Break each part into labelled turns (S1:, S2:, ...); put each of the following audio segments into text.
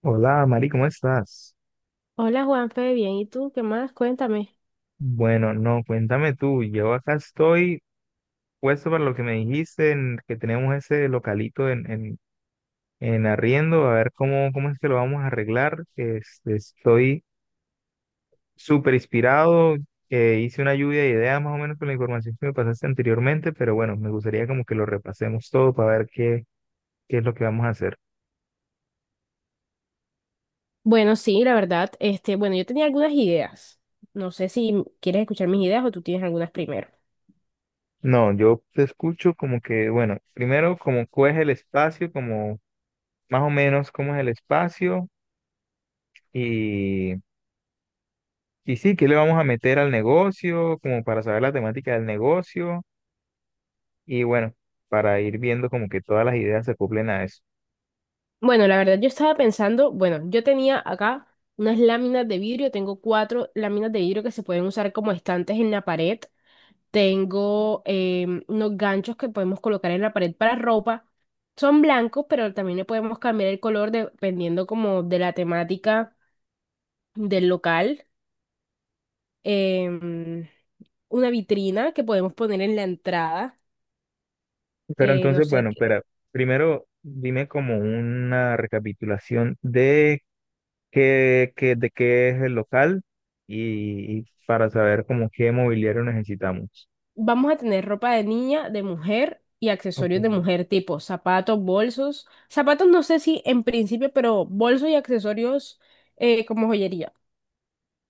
S1: Hola, Mari, ¿cómo estás?
S2: Hola Juanfe, bien, ¿y tú qué más? Cuéntame.
S1: Bueno, no, cuéntame tú. Yo acá estoy puesto para lo que me dijiste, en que tenemos ese localito en arriendo, a ver cómo es que lo vamos a arreglar. Estoy súper inspirado. Hice una lluvia de ideas más o menos con la información que me pasaste anteriormente, pero bueno, me gustaría como que lo repasemos todo para ver qué es lo que vamos a hacer.
S2: La verdad, yo tenía algunas ideas. No sé si quieres escuchar mis ideas o tú tienes algunas primero.
S1: No, yo te escucho como que, bueno, primero como cuál es el espacio, como más o menos cómo es el espacio. Y, y sí, ¿qué le vamos a meter al negocio? Como para saber la temática del negocio. Y bueno, para ir viendo como que todas las ideas se cumplen a eso.
S2: Bueno, la verdad yo estaba pensando, yo tenía acá unas láminas de vidrio, tengo cuatro láminas de vidrio que se pueden usar como estantes en la pared, tengo unos ganchos que podemos colocar en la pared para ropa, son blancos, pero también le podemos cambiar el color dependiendo como de la temática del local. Em, una vitrina que podemos poner en la entrada,
S1: Pero
S2: no
S1: entonces,
S2: sé.
S1: bueno, espera, primero dime como una recapitulación de de qué es el local y para saber como qué mobiliario necesitamos.
S2: Vamos a tener ropa de niña, de mujer y accesorios de
S1: Ok,
S2: mujer, tipo zapatos, bolsos. Zapatos no sé si en principio, pero bolsos y accesorios, como joyería.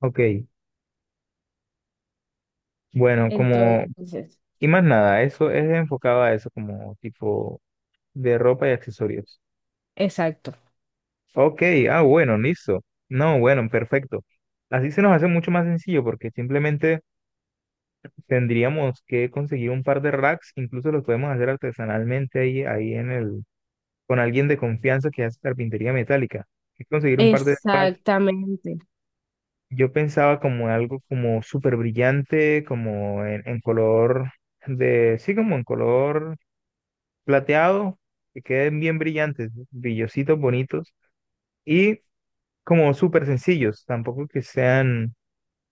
S1: ok. Bueno, como,
S2: Entonces,
S1: y más nada, eso es enfocado a eso, como tipo de ropa y accesorios.
S2: exacto.
S1: Ok, ah, bueno, listo. No, bueno, perfecto. Así se nos hace mucho más sencillo porque simplemente tendríamos que conseguir un par de racks, incluso los podemos hacer artesanalmente ahí en el, con alguien de confianza que hace carpintería metálica. Es conseguir un par de racks.
S2: Exactamente.
S1: Yo pensaba como en algo como súper brillante, como en color de, sí, como en color plateado, que queden bien brillantes, brillositos, bonitos y como súper sencillos, tampoco que sean.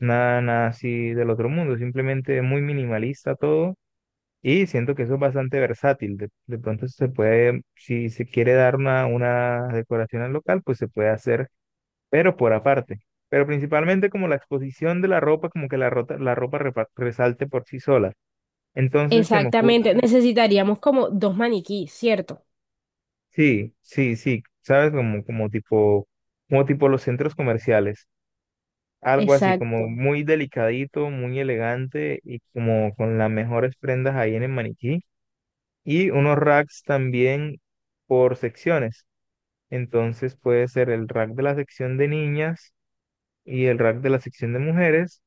S1: Nada así del otro mundo, simplemente muy minimalista todo, y siento que eso es bastante versátil. De pronto se puede, si se quiere dar una decoración al local, pues se puede hacer, pero por aparte. Pero principalmente como la exposición de la ropa, como que la ropa resalte por sí sola. Entonces se me
S2: Exactamente.
S1: ocurre,
S2: Necesitaríamos como dos maniquís, ¿cierto?
S1: sí, sí, sí, ¿sabes? Como tipo, como tipo los centros comerciales, algo así como
S2: Exacto.
S1: muy delicadito, muy elegante y como con las mejores prendas ahí en el maniquí. Y unos racks también por secciones. Entonces puede ser el rack de la sección de niñas y el rack de la sección de mujeres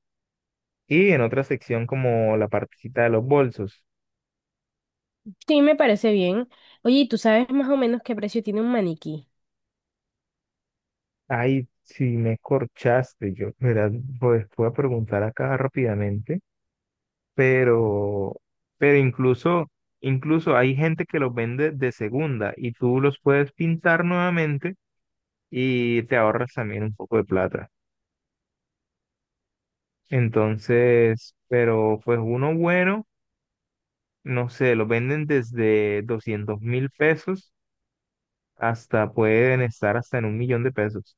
S1: y en otra sección como la partecita de los bolsos.
S2: Sí, me parece bien. Oye, ¿y tú sabes más o menos qué precio tiene un maniquí?
S1: Ay, si me corchaste, yo, mira, pues voy a preguntar acá rápidamente. pero, pero incluso, incluso hay gente que los vende de segunda y tú los puedes pintar nuevamente y te ahorras también un poco de plata. Entonces, pero pues uno bueno, no sé, los venden desde 200.000 pesos hasta pueden estar hasta en 1.000.000 de pesos,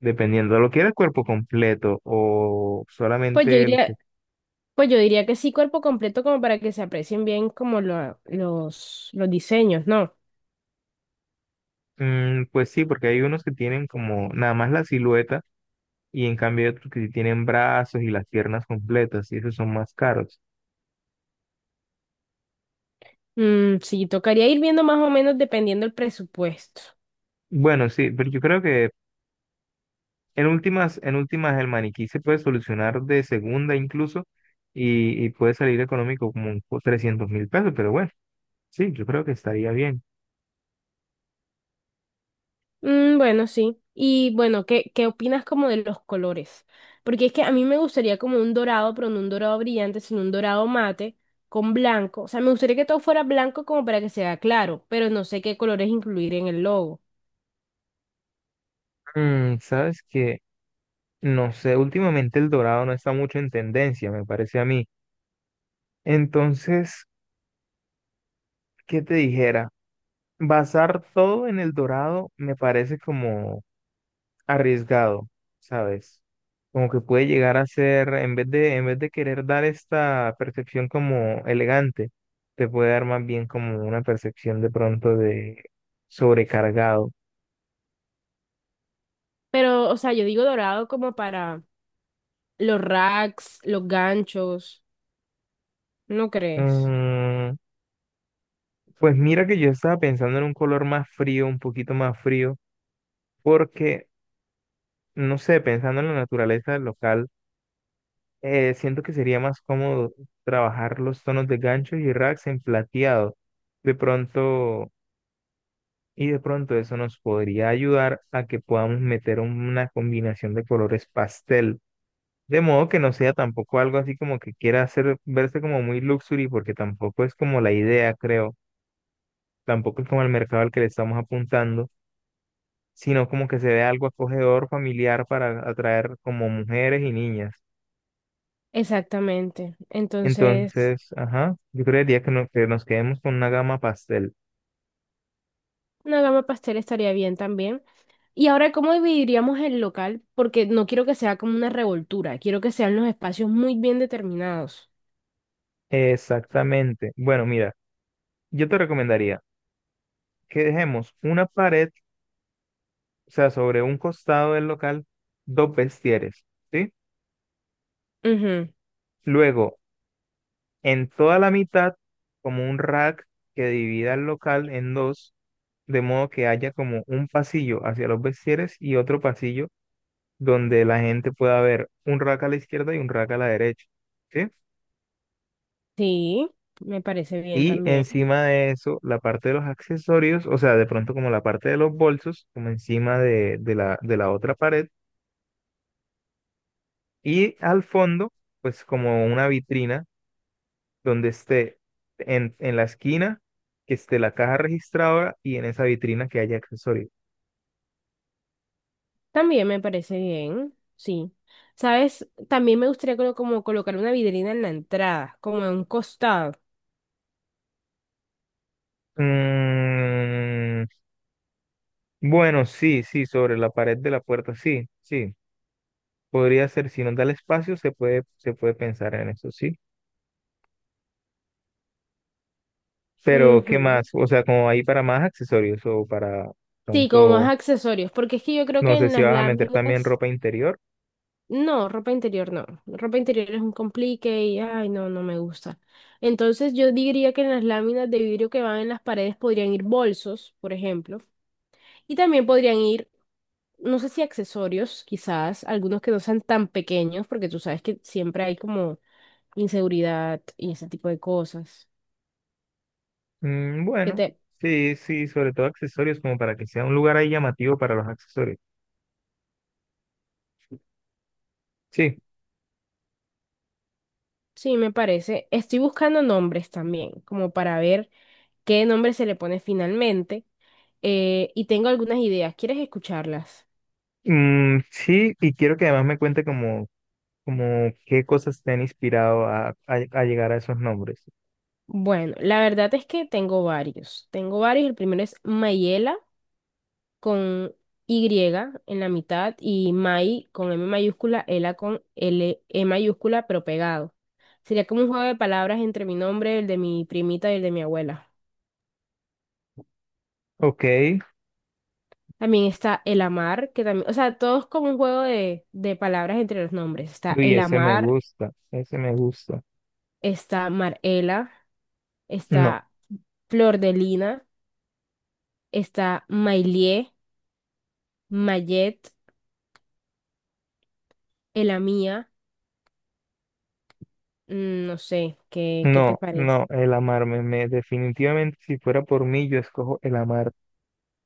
S1: dependiendo. ¿Lo quieres cuerpo completo o
S2: Pues yo
S1: solamente los que...
S2: diría, pues yo diría que sí, cuerpo completo, como para que se aprecien bien como los diseños, ¿no?
S1: Mm, pues sí, porque hay unos que tienen como nada más la silueta, y en cambio hay otros que sí tienen brazos y las piernas completas y esos son más caros.
S2: Mm, sí, tocaría ir viendo más o menos dependiendo el presupuesto.
S1: Bueno, sí, pero yo creo que en últimas el maniquí se puede solucionar de segunda incluso, y puede salir económico como 300.000 pesos, pero bueno, sí, yo creo que estaría bien.
S2: Mm, bueno, sí. Y bueno, qué opinas como de los colores? Porque es que a mí me gustaría como un dorado, pero no un dorado brillante, sino un dorado mate con blanco. O sea, me gustaría que todo fuera blanco como para que sea claro, pero no sé qué colores incluir en el logo.
S1: Mm, sabes que, no sé, últimamente el dorado no está mucho en tendencia, me parece a mí. Entonces, ¿qué te dijera? Basar todo en el dorado me parece como arriesgado, ¿sabes? Como que puede llegar a ser, en vez de querer dar esta percepción como elegante, te puede dar más bien como una percepción de pronto de sobrecargado.
S2: Pero, o sea, yo digo dorado como para los racks, los ganchos, ¿no crees?
S1: Mm, pues mira que yo estaba pensando en un color más frío, un poquito más frío, porque, no sé, pensando en la naturaleza del local, siento que sería más cómodo trabajar los tonos de ganchos y racks en plateado. De pronto y de pronto eso nos podría ayudar a que podamos meter una combinación de colores pastel, de modo que no sea tampoco algo así como que quiera hacer verse como muy luxury, porque tampoco es como la idea, creo, tampoco es como el mercado al que le estamos apuntando, sino como que se vea algo acogedor, familiar para atraer como mujeres y niñas.
S2: Exactamente. Entonces…
S1: Entonces, ajá, yo creería que, que nos quedemos con una gama pastel.
S2: Una gama pastel estaría bien también. Y ahora, ¿cómo dividiríamos el local? Porque no quiero que sea como una revoltura, quiero que sean los espacios muy bien determinados.
S1: Exactamente. Bueno, mira, yo te recomendaría que dejemos una pared, o sea, sobre un costado del local, dos vestieres, ¿sí?
S2: Ujú.
S1: Luego, en toda la mitad, como un rack que divida el local en dos, de modo que haya como un pasillo hacia los vestieres y otro pasillo donde la gente pueda ver un rack a la izquierda y un rack a la derecha, ¿sí?
S2: Sí, me parece bien
S1: Y
S2: también.
S1: encima de eso, la parte de los accesorios, o sea, de pronto como la parte de los bolsos, como encima de la otra pared, y al fondo, pues como una vitrina donde esté en la esquina, que esté la caja registradora y en esa vitrina que haya accesorios.
S2: También me parece bien, sí. ¿Sabes? También me gustaría como colocar una vidrina en la entrada, como en un costado.
S1: Mm, bueno, sí, sí, sobre la pared de la puerta, sí, sí. Podría ser, si nos da el espacio, se puede pensar en eso, sí. Pero, ¿qué
S2: Ujú.
S1: más? O sea, como ahí para más accesorios o para
S2: Sí, como más
S1: pronto,
S2: accesorios, porque es que yo creo
S1: no
S2: que
S1: sé
S2: en
S1: si
S2: las
S1: vas a meter también
S2: láminas
S1: ropa interior.
S2: no, ropa interior no. Ropa interior es un complique y ay, no, no me gusta. Entonces yo diría que en las láminas de vidrio que van en las paredes podrían ir bolsos, por ejemplo, y también no sé si accesorios, quizás, algunos que no sean tan pequeños, porque tú sabes que siempre hay como inseguridad y ese tipo de cosas.
S1: Mm,
S2: Que
S1: bueno,
S2: te…
S1: sí, sí, sobre todo accesorios, como para que sea un lugar ahí llamativo para los accesorios. Sí.
S2: Sí, me parece. Estoy buscando nombres también, como para ver qué nombre se le pone finalmente, y tengo algunas ideas. ¿Quieres escucharlas?
S1: Mm, sí, y quiero que además me cuente como, qué cosas te han inspirado a llegar a esos nombres.
S2: Bueno, la verdad es que tengo varios. Tengo varios. El primero es Mayela con Y en la mitad y May con M mayúscula, Ela con L E mayúscula, pero pegado. Sería como un juego de palabras entre mi nombre, el de mi primita y el de mi abuela.
S1: Ok,
S2: También está El Amar, que también, o sea, todo es como un juego de palabras entre los nombres. Está
S1: uy,
S2: El
S1: ese me
S2: Amar,
S1: gusta, ese me gusta.
S2: está Marela,
S1: No,
S2: está Flor de Lina, está Mailie, Mayet, Elamía. Mm, no sé, qué te
S1: no,
S2: parece?
S1: no, El amarme, me, definitivamente si fuera por mí yo escojo el amar.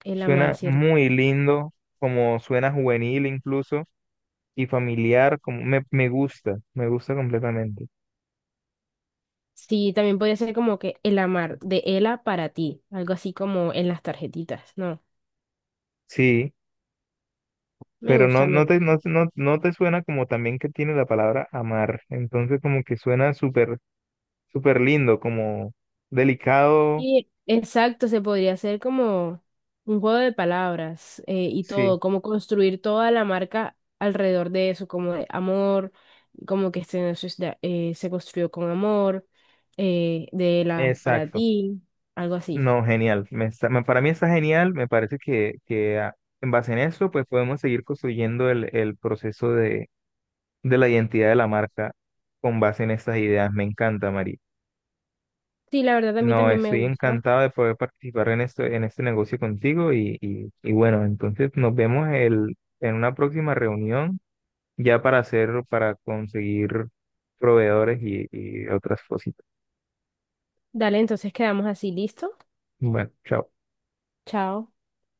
S2: El amar,
S1: Suena
S2: ¿cierto?
S1: muy lindo, como suena juvenil incluso, y familiar, como me gusta completamente.
S2: Sí, también podría ser como que el amar de Ela para ti, algo así como en las tarjetitas, ¿no?
S1: Sí,
S2: Me
S1: pero no,
S2: gusta, me gusta.
S1: no te suena como también que tiene la palabra amar. Entonces como que suena súper. Súper lindo, como delicado.
S2: Y exacto, se podría hacer como un juego de palabras, y
S1: Sí,
S2: todo, como construir toda la marca alrededor de eso, como de amor, como que este, no se, se construyó con amor, de Ela para
S1: exacto.
S2: ti, algo así.
S1: No, genial. Para mí está genial. Me parece que ah, en base en eso, pues podemos seguir construyendo el proceso de la identidad de la marca con base en estas ideas. Me encanta, María.
S2: Sí, la verdad a mí
S1: No,
S2: también me
S1: estoy
S2: gusta.
S1: encantado de poder participar en esto, en este negocio contigo y bueno, entonces nos vemos en una próxima reunión ya para hacer, para conseguir proveedores y otras cositas.
S2: Dale, entonces quedamos así, ¿listo?
S1: Bueno, chao.
S2: Chao.